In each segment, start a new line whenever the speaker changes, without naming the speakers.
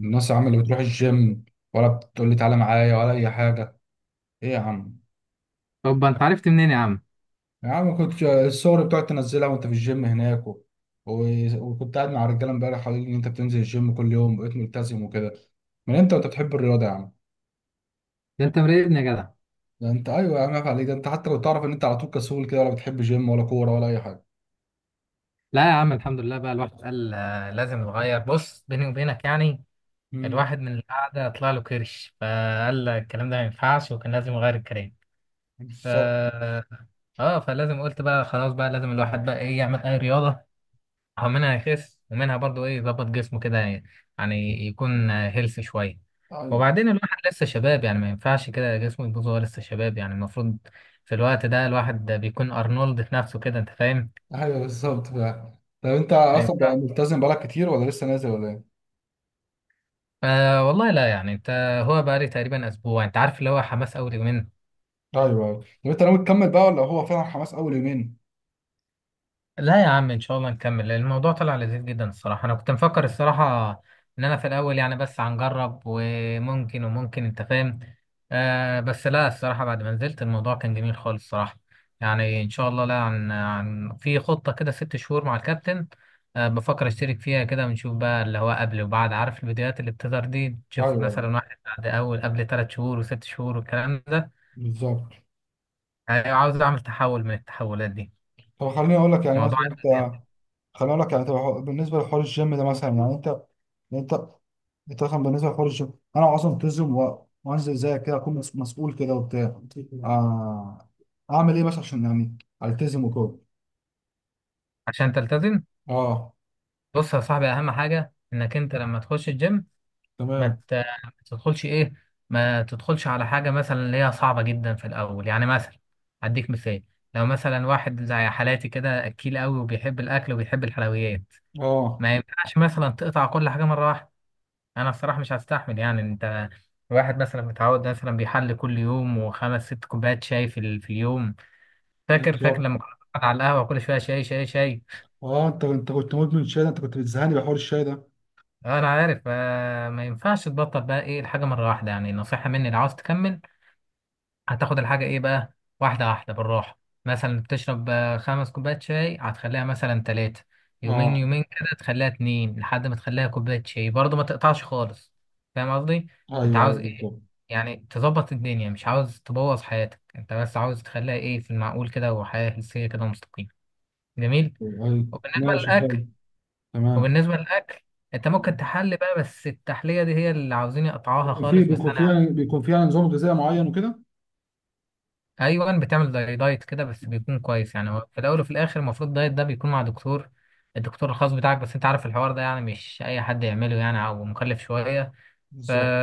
الناس يا عم اللي بتروح الجيم ولا بتقول لي تعالى معايا ولا اي حاجه؟ ايه يا عم؟
طب انت عرفت منين يا عم؟
يا عم كنت الصور بتقعد تنزلها وانت في الجيم هناك و... وكنت قاعد مع رجاله امبارح قالوا لي ان انت بتنزل الجيم كل يوم بقيت ملتزم وكده. من امتى وانت بتحب الرياضه يا عم؟
ده انت مراقبني يا جدع.
ده انت ايوه يا عم، عيب عليك، ده انت حتى لو تعرف ان انت على طول كسول كده ولا بتحب جيم ولا كوره ولا اي حاجه.
لا يا عم، الحمد لله، بقى الواحد قال، لازم نغير. بص، بيني وبينك يعني.
امم.
الواحد من القعده طلع له كرش، فقال الكلام ده ما ينفعش، وكان لازم يغير الكلام. ف
بالظبط.
اه آه، فلازم قلت بقى خلاص، بقى لازم الواحد بقى ايه يعمل اي رياضه او منها يخس ومنها برضو ايه يظبط جسمه كده. يعني يكون هيلث شويه.
ايوه،
وبعدين الواحد لسه شباب، يعني ما ينفعش كده جسمه يبوظ وهو لسه شباب. يعني المفروض في الوقت ده الواحد ده بيكون ارنولد في نفسه كده، انت فاهم.
ايوه، بالظبط فعلا. طب انت
أيوة.
اصلا بقى ملتزم بقالك كتير ولا لسه نازل ولا ايه؟
آه والله، لا يعني انت. هو بقى لي تقريبا اسبوع، انت عارف اللي هو حماس اول يومين.
ايوه، ايوه. طب انت ناوي تكمل بقى ولا هو فعلا حماس اول يومين؟
لا يا عم، ان شاء الله نكمل، لان الموضوع طلع لذيذ جدا الصراحه. انا كنت مفكر الصراحه ان انا في الاول يعني بس هنجرب، وممكن انت فاهم. بس لا، الصراحه بعد ما نزلت، الموضوع كان جميل خالص الصراحه. يعني ان شاء الله، لا، عن في خطه كده 6 شهور مع الكابتن. بفكر اشترك فيها كده، ونشوف بقى اللي هو قبل وبعد، عارف الفيديوهات اللي بتظهر دي، تشوف
ايوه،
مثلا واحد بعد اول قبل 3 شهور وست شهور والكلام ده.
بالظبط.
يعني عاوز اعمل تحول من التحولات دي.
طب خليني اقول لك يعني
موضوع.
مثلا انت، خليني اقول لك يعني، طب هو بالنسبه لحوار الجيم ده مثلا يعني انت، انت انت مثلا بالنسبه لحوار الجيم انا اصلا التزم وانزل زيك كده اكون مسؤول كده وبتاع. آه اعمل ايه مثلا عشان يعني التزم وكده؟
عشان تلتزم،
اه.
بص يا صاحبي، اهم حاجه انك انت لما تخش الجيم ما
تمام.
ت- ما تدخلش ايه، ما تدخلش على حاجه مثلا اللي هي صعبه جدا في الاول. يعني مثلا هديك مثال: لو مثلا واحد زي حالاتي كده، اكيل قوي وبيحب الاكل وبيحب الحلويات،
اه،
ما ينفعش مثلا تقطع كل حاجه مره واحده. انا الصراحه مش هستحمل، يعني انت. واحد مثلا متعود، مثلا بيحل كل يوم وخمس ست كوبايات شاي في اليوم. فاكر
بالظبط.
لما كنا بنقعد على القهوه كل شويه، شاي شاي شاي.
اه، انت كنت مدمن شاي، ده انت كنت بتزهقني بحوار الشاي ده.
انا عارف، ما ينفعش تبطل بقى ايه الحاجه مره واحده. يعني نصيحه مني، لو عاوز تكمل هتاخد الحاجه ايه بقى، واحده واحده بالراحه. مثلا بتشرب 5 كوبايات شاي، هتخليها مثلا 3، يومين
اه،
يومين كده تخليها 2، لحد ما تخليها كوبايه شاي، برضه ما تقطعش خالص. فاهم قصدي؟ انت
ايوه،
عاوز
ايوه،
ايه؟
بالظبط.
يعني تظبط الدنيا، مش عاوز تبوظ حياتك، انت بس عاوز تخليها ايه في المعقول كده، وحياه هلسيه كده مستقيمه. جميل.
ايوه.
وبالنسبه
ماشي،
للاكل،
حلو. تمام.
وبالنسبة للأكل، أنت ممكن تحلي بقى، بس التحلية دي هي اللي عاوزين يقطعوها
بيكون في
خالص. بس
بيكون في
أنا
يعني بيكون في يعني نظام غذائي معين وكده.
أيوة، بتعمل زي دايت كده، بس بيكون كويس. يعني هو في الأول وفي الآخر المفروض الدايت ده بيكون مع دكتور، الدكتور الخاص بتاعك، بس أنت عارف الحوار ده يعني مش أي حد يعمله يعني، أو مكلف شوية. ف
بالظبط.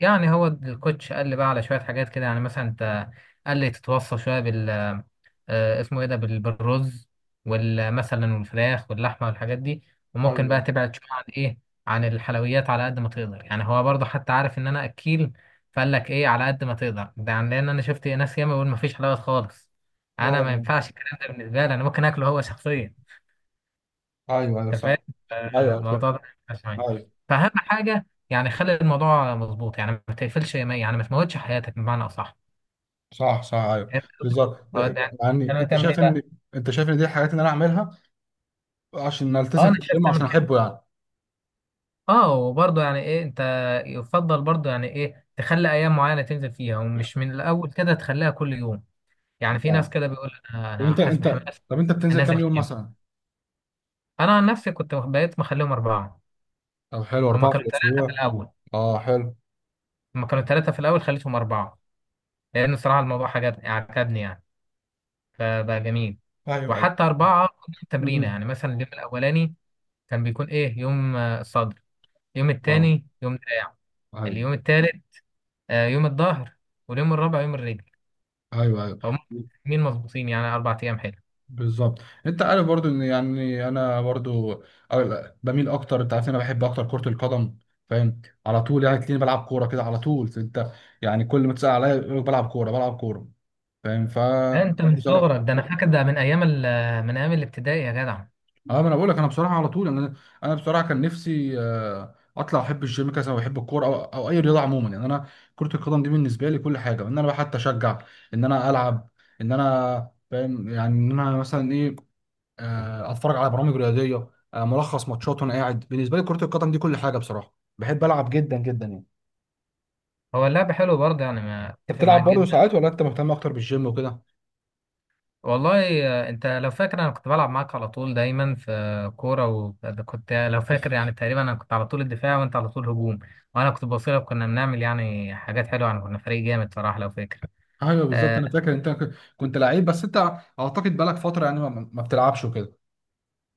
يعني هو الكوتش قال لي بقى على شوية حاجات كده، يعني مثلا أنت. قال لي تتوصى شوية، اسمه ايه ده بالرز والمثلا والفراخ واللحمه والحاجات دي.
ايوه.
وممكن بقى
أيوه.
تبعد شويه عن ايه، عن الحلويات على قد ما تقدر. يعني هو برضه حتى عارف ان انا اكيل، فقال لك ايه على قد ما تقدر ده، يعني لان انا شفت ناس ياما بيقول ما فيش حلويات خالص.
اه.
انا ما
آه.
ينفعش الكلام ده بالنسبه لي، انا ممكن اكله هو شخصيا،
ايوه، ايوه،
انت فاهم،
صح. ايوه، فهمت.
الموضوع ده مش معايا.
ايوه.
فاهم حاجه؟ يعني خلي الموضوع مظبوط، يعني ما تقفلش، يعني ما تموتش حياتك بمعنى اصح.
صح، صح. ايوه.
فهمت قصدي؟
بالظبط.
اه، ده
يعني
يعني لما
انت
تعمل
شايف
ايه
ان
بقى؟
انت شايف ان دي الحاجات اللي انا اعملها عشان
اه،
التزم
انا
في
شايف
الجيم،
تعمل
عشان
كده.
احبه يعني.
اه، وبرضه يعني ايه انت يفضل برضه، يعني ايه، تخلي ايام معينه تنزل فيها، ومش من الاول كده تخليها كل يوم. يعني في ناس
اه.
كده بيقول انا
طب
انا
انت
حاسس
انت
بحماس.
طب انت بتنزل
انزل
كام يوم
الجيم.
مثلا؟
انا عن نفسي كنت بقيت مخليهم 4.
طب حلو،
هما
أربعة في
كانوا 3 في
الأسبوع.
الاول.
اه، حلو.
هما كانوا ثلاثه في الاول، خليتهم 4، لان صراحه الموضوع عجبني عجبني، يعني فبقى جميل.
ايوه، ايوه.
وحتى 4، كل يوم
م- م.
تمرينه، يعني مثلا اليوم الاولاني كان بيكون ايه يوم، الصدر، اليوم
اه،
التاني يوم دراع،
ايوه،
اليوم التالت، يوم الظهر، واليوم الرابع يوم الرجل.
ايوه، ايوه.
هم مين مظبوطين، يعني 4 ايام حلو.
بالظبط. انت عارف برضو ان يعني انا برضو بميل اكتر، انت عارف ان انا بحب اكتر كرة القدم، فاهم؟ على طول يعني تلاقيني بلعب كورة كده على طول انت، يعني كل ما تسأل عليا يقول لك بلعب كورة بلعب كورة. فاهم؟
ده انت من
بصراحة
صغرك، ده انا فاكر، ده من ايام الابتدائي يا جدع.
اه ما انا بقول لك، انا بصراحة على طول انا بصراحة كان نفسي اطلع احب الجيم كذا وبحب الكورة او اي رياضة عموما يعني. انا كرة القدم دي بالنسبة لي كل حاجة، ان انا بقى حتى اشجع، ان انا العب، ان انا فاهم يعني ان انا مثلا ايه، اتفرج على برامج رياضيه، ملخص ماتشات وانا قاعد. بالنسبه لي كره القدم دي كل حاجه بصراحه، بحب العب جدا جدا يعني.
هو اللعب حلو برضه، يعني ما
انت
اتفق
بتلعب
معاك
برضه
جدا.
ساعات ولا انت مهتم اكتر بالجيم وكده؟
والله، انت لو فاكر، انا كنت بلعب معاك على طول، دايما في كوره، وكنت لو فاكر يعني تقريبا انا كنت على طول الدفاع، وانت على طول هجوم، وانا كنت بوصلك، كنا بنعمل يعني حاجات حلوه، يعني كنا فريق جامد صراحه لو فاكر.
ايوه، بالظبط.
آه،
انا فاكر انت كنت لعيب بس انت، اعتقد بقالك فتره يعني ما بتلعبش وكده.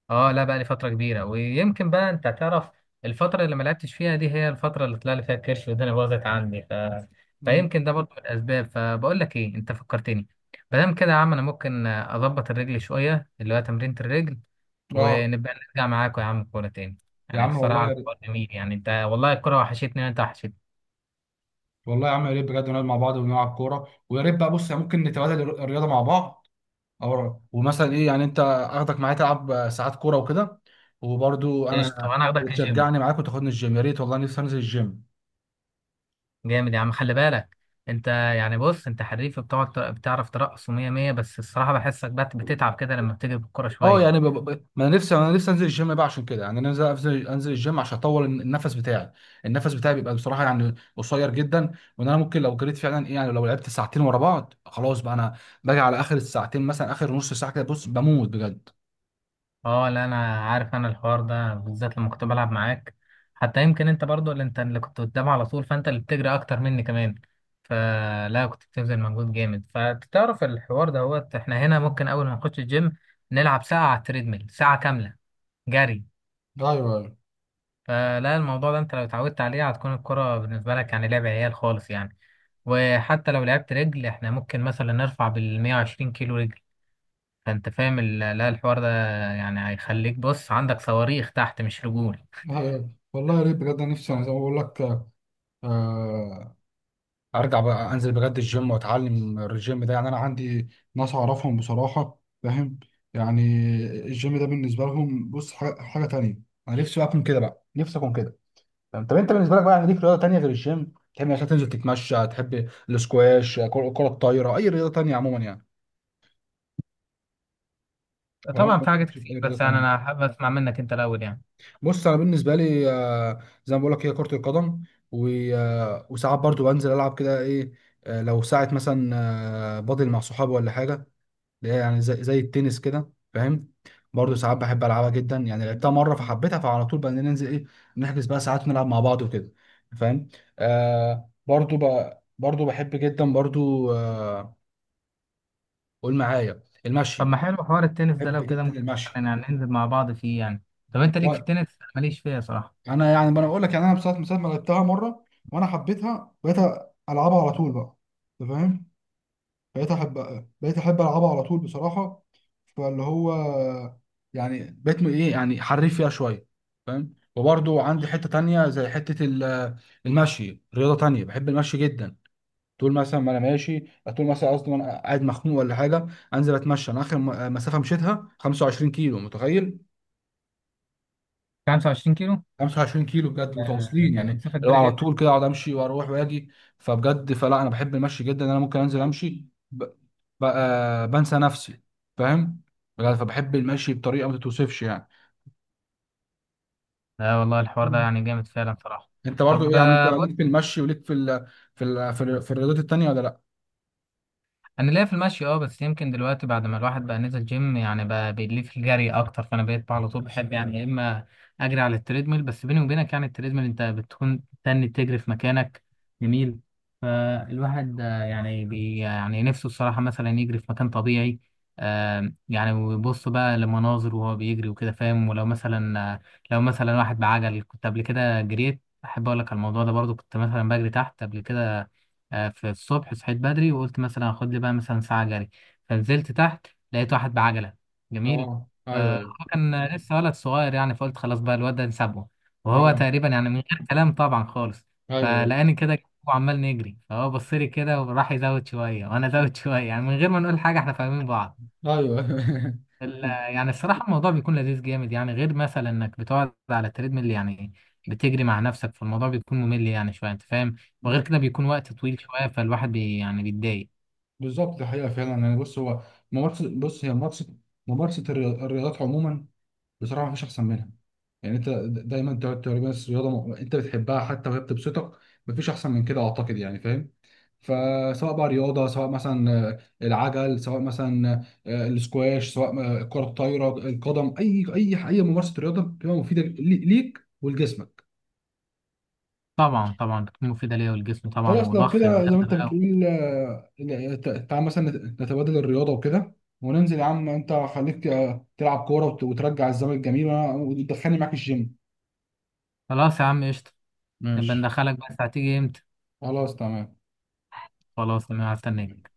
اه لا، بقى لي فترة كبيرة، ويمكن بقى انت تعرف، الفترة اللي ما لعبتش فيها دي هي الفترة اللي طلع لي فيها الكرش والدنيا باظت عندي،
امم.
فيمكن ده برضه من الأسباب. فبقول لك ايه، انت فكرتني. ما دام كده يا عم، انا ممكن اظبط الرجل شوية، اللي هو تمرينة الرجل،
اه.
ونبقى نرجع معاكم يا عم كورة تاني.
يا
يعني
عم والله
الصراحة
يا ريت.
الحوار جميل، يعني انت والله الكورة وحشتني وانت وحشتني.
والله يا عم، يا ريت بجد نقعد مع بعض ونلعب كوره، ويا ريت بقى، بص يعني ممكن نتبادل الرياضه مع بعض، او ومثلا ايه يعني انت اخدك معايا تلعب ساعات كوره وكده، وبرضه
ايش؟ طب
انا
انا هاخدك الجيم.
وتشجعني معاك وتاخدني الجيم. يا ريت والله نفسي انزل الجيم.
جامد يا عم، خلي بالك. انت يعني بص، انت حريف، بتقعد بتعرف ترقص، ومية مية، بس الصراحة بحسك بقى بتتعب كده لما بتيجي بالكورة
اه يعني
شوية.
ما انا نفسي انزل الجيم بقى عشان كده، يعني انا نفسي انزل الجيم عشان اطول النفس بتاعي بيبقى بصراحه يعني قصير جدا، وان انا ممكن لو جريت فعلا ايه يعني، لو لعبت ساعتين ورا بعض خلاص بقى انا باجي على اخر الساعتين مثلا اخر نص ساعه كده بص بموت بجد.
اه لا، انا عارف. انا الحوار ده بالذات لما كنت بلعب معاك، حتى يمكن انت برضو اللي انت اللي كنت قدام على طول، فانت اللي بتجري اكتر مني كمان، فلا كنت بتبذل مجهود جامد. فتعرف الحوار ده، هو احنا هنا ممكن اول ما نخش الجيم نلعب ساعة على التريدميل، ساعة كاملة جري.
ايوه، ايوه،
فلا الموضوع ده انت لو اتعودت عليه، هتكون الكرة بالنسبة لك يعني لعب عيال خالص يعني. وحتى لو لعبت رجل، احنا ممكن مثلا نرفع بال 120 كيلو رجل. فانت فاهم لا، الحوار ده يعني هيخليك، بص، عندك صواريخ تحت مش رجول.
أيوة. والله يا ريت بجد أنا نفسي يعني زي ما بقول لك. آه ارجع بقى انزل بجد الجيم واتعلم الجيم ده، يعني انا عندي ناس اعرفهم بصراحه، فاهم؟ يعني الجيم ده بالنسبه لهم بص حاجة تانية. انا نفسي بقى اكون كده بقى، نفسي اكون كده. فاهم؟ طب انت بالنسبه لك بقى يعني ليك رياضه تانية غير الجيم تحب عشان تنزل، تتمشى، تحب الاسكواش، كرة الطايره، اي رياضه تانية عموما يعني؟ ولا انت
طبعا في حاجات
بتشوف اي
كتير،
رياضه
بس يعني
تانية؟
انا حابب اسمع منك انت الاول يعني.
بص انا بالنسبه لي زي ما بقول لك هي كره القدم، و... آه، وساعات برضو بنزل العب كده ايه، لو ساعه مثلا بادل مع صحابي ولا حاجه، اللي هي يعني زي التنس كده، فاهم؟ برضه ساعات بحب العبها جدا، يعني لعبتها مره فحبيتها، فعلى طول بقى ننزل ايه، نحجز بقى ساعات نلعب مع بعض وكده، فاهم؟ آه برضه بقى، برضه بحب جدا برضه. قول معايا
طب ما
المشي.
حلو حوار التنس ده،
بحب
لو كده
جدا
ممكن مثلا
المشي.
يعني ننزل مع بعض فيه يعني. طب انت ليك في
والله
التنس، أنا ماليش فيها صراحه.
انا يعني ما انا اقول لك يعني، انا بصراحه من ساعه ما لعبتها مره وانا حبيتها، بقيت العبها على طول بقى. انت فاهم؟ بقيت احب بقيت احب العبها على طول بصراحه، فاللي هو يعني بقيت ايه يعني حريف فيها شويه، فاهم؟ وبرضو عندي حته تانية زي حته المشي. رياضه تانية بحب المشي جدا، طول مثلا ما انا ماشي، طول مثلا قصدي وانا قاعد مخنوق ولا حاجه انزل اتمشى. انا اخر مسافه مشيتها 25 كيلو، متخيل؟
25 كيلو؟
25 كيلو بجد متواصلين،
دي
يعني
مسافه
لو
كبيره
على
جدا.
طول كده اقعد امشي واروح واجي. فبجد، فلا انا بحب المشي جدا، انا ممكن انزل امشي ب... ب... آه، بنسى نفسي، فاهم؟ بجد فبحب المشي بطريقه ما تتوصفش يعني.
لا والله الحوار ده
مم.
يعني جامد فعلا صراحه.
انت برضو ايه
طب،
يعني، انت ليك في المشي وليك في في الرياضات التانيه ولا لا؟
انا ليا في المشي، بس يمكن دلوقتي بعد ما الواحد بقى نزل جيم، يعني بقى بيليه في الجري اكتر، فانا بقيت على طول بحب، يعني يا اما اجري على التريدميل، بس بيني وبينك يعني التريدميل انت بتكون تاني تجري في مكانك. جميل. فالواحد آه، يعني بي يعني نفسه الصراحة مثلا يجري في مكان طبيعي، يعني ويبص بقى لمناظر وهو بيجري وكده، فاهم؟ ولو مثلا، لو مثلا واحد بعجل، كنت قبل كده جريت، احب اقول لك على الموضوع ده برضو، كنت مثلا بجري تحت قبل كده. في الصبح صحيت بدري، وقلت مثلا هاخد لي بقى مثلا ساعة جري. فنزلت تحت، لقيت واحد بعجلة. جميل.
اه، ايوه،
فهو
ايوه.
كان لسه ولد صغير يعني، فقلت خلاص بقى الواد ده نسابه، وهو
اه،
تقريبا يعني من غير كلام طبعا خالص.
ايوه،
فلقاني كده، وعمال نجري، فهو بص لي كده وراح يزود شوية، وأنا زود شوية، يعني من غير ما نقول حاجة احنا فاهمين بعض.
ايوه، ايوه.
يعني الصراحة الموضوع بيكون لذيذ جامد، يعني غير مثلا انك بتقعد على التريدميل يعني بتجري مع نفسك، فالموضوع بيكون ممل يعني شوية، انت فاهم. وغير
بز-
كده بيكون وقت طويل شوية، فالواحد يعني بيتضايق.
بالظبط الحقيقه فعلا، يعني بص هي ممارسه الرياضات عموما بصراحه مفيش احسن منها، يعني انت دايما تقعد تقول بس رياضه انت بتحبها حتى وهي بتبسطك، مفيش احسن من كده اعتقد يعني، فاهم؟ فسواء بقى رياضه، سواء مثلا العجل، سواء مثلا السكواش، سواء الكره الطايره، القدم، اي ممارسه رياضه بتبقى مفيده ليك ولجسمك.
طبعا طبعا بتكون مفيدة ليا والجسم طبعا،
خلاص لو
وضخ
كده
الدم
زي ما انت
بقى.
بتقول تعال مثلا نتبادل الرياضه وكده، وننزل يا عم. انت خليك تلعب كوره وترجع الزمن الجميل، وتدخلني معاك الجيم.
خلاص يا عم، قشطة. نبقى
ماشي،
ندخلك، بس هتيجي امتى؟
خلاص، تمام.
خلاص انا هستناك.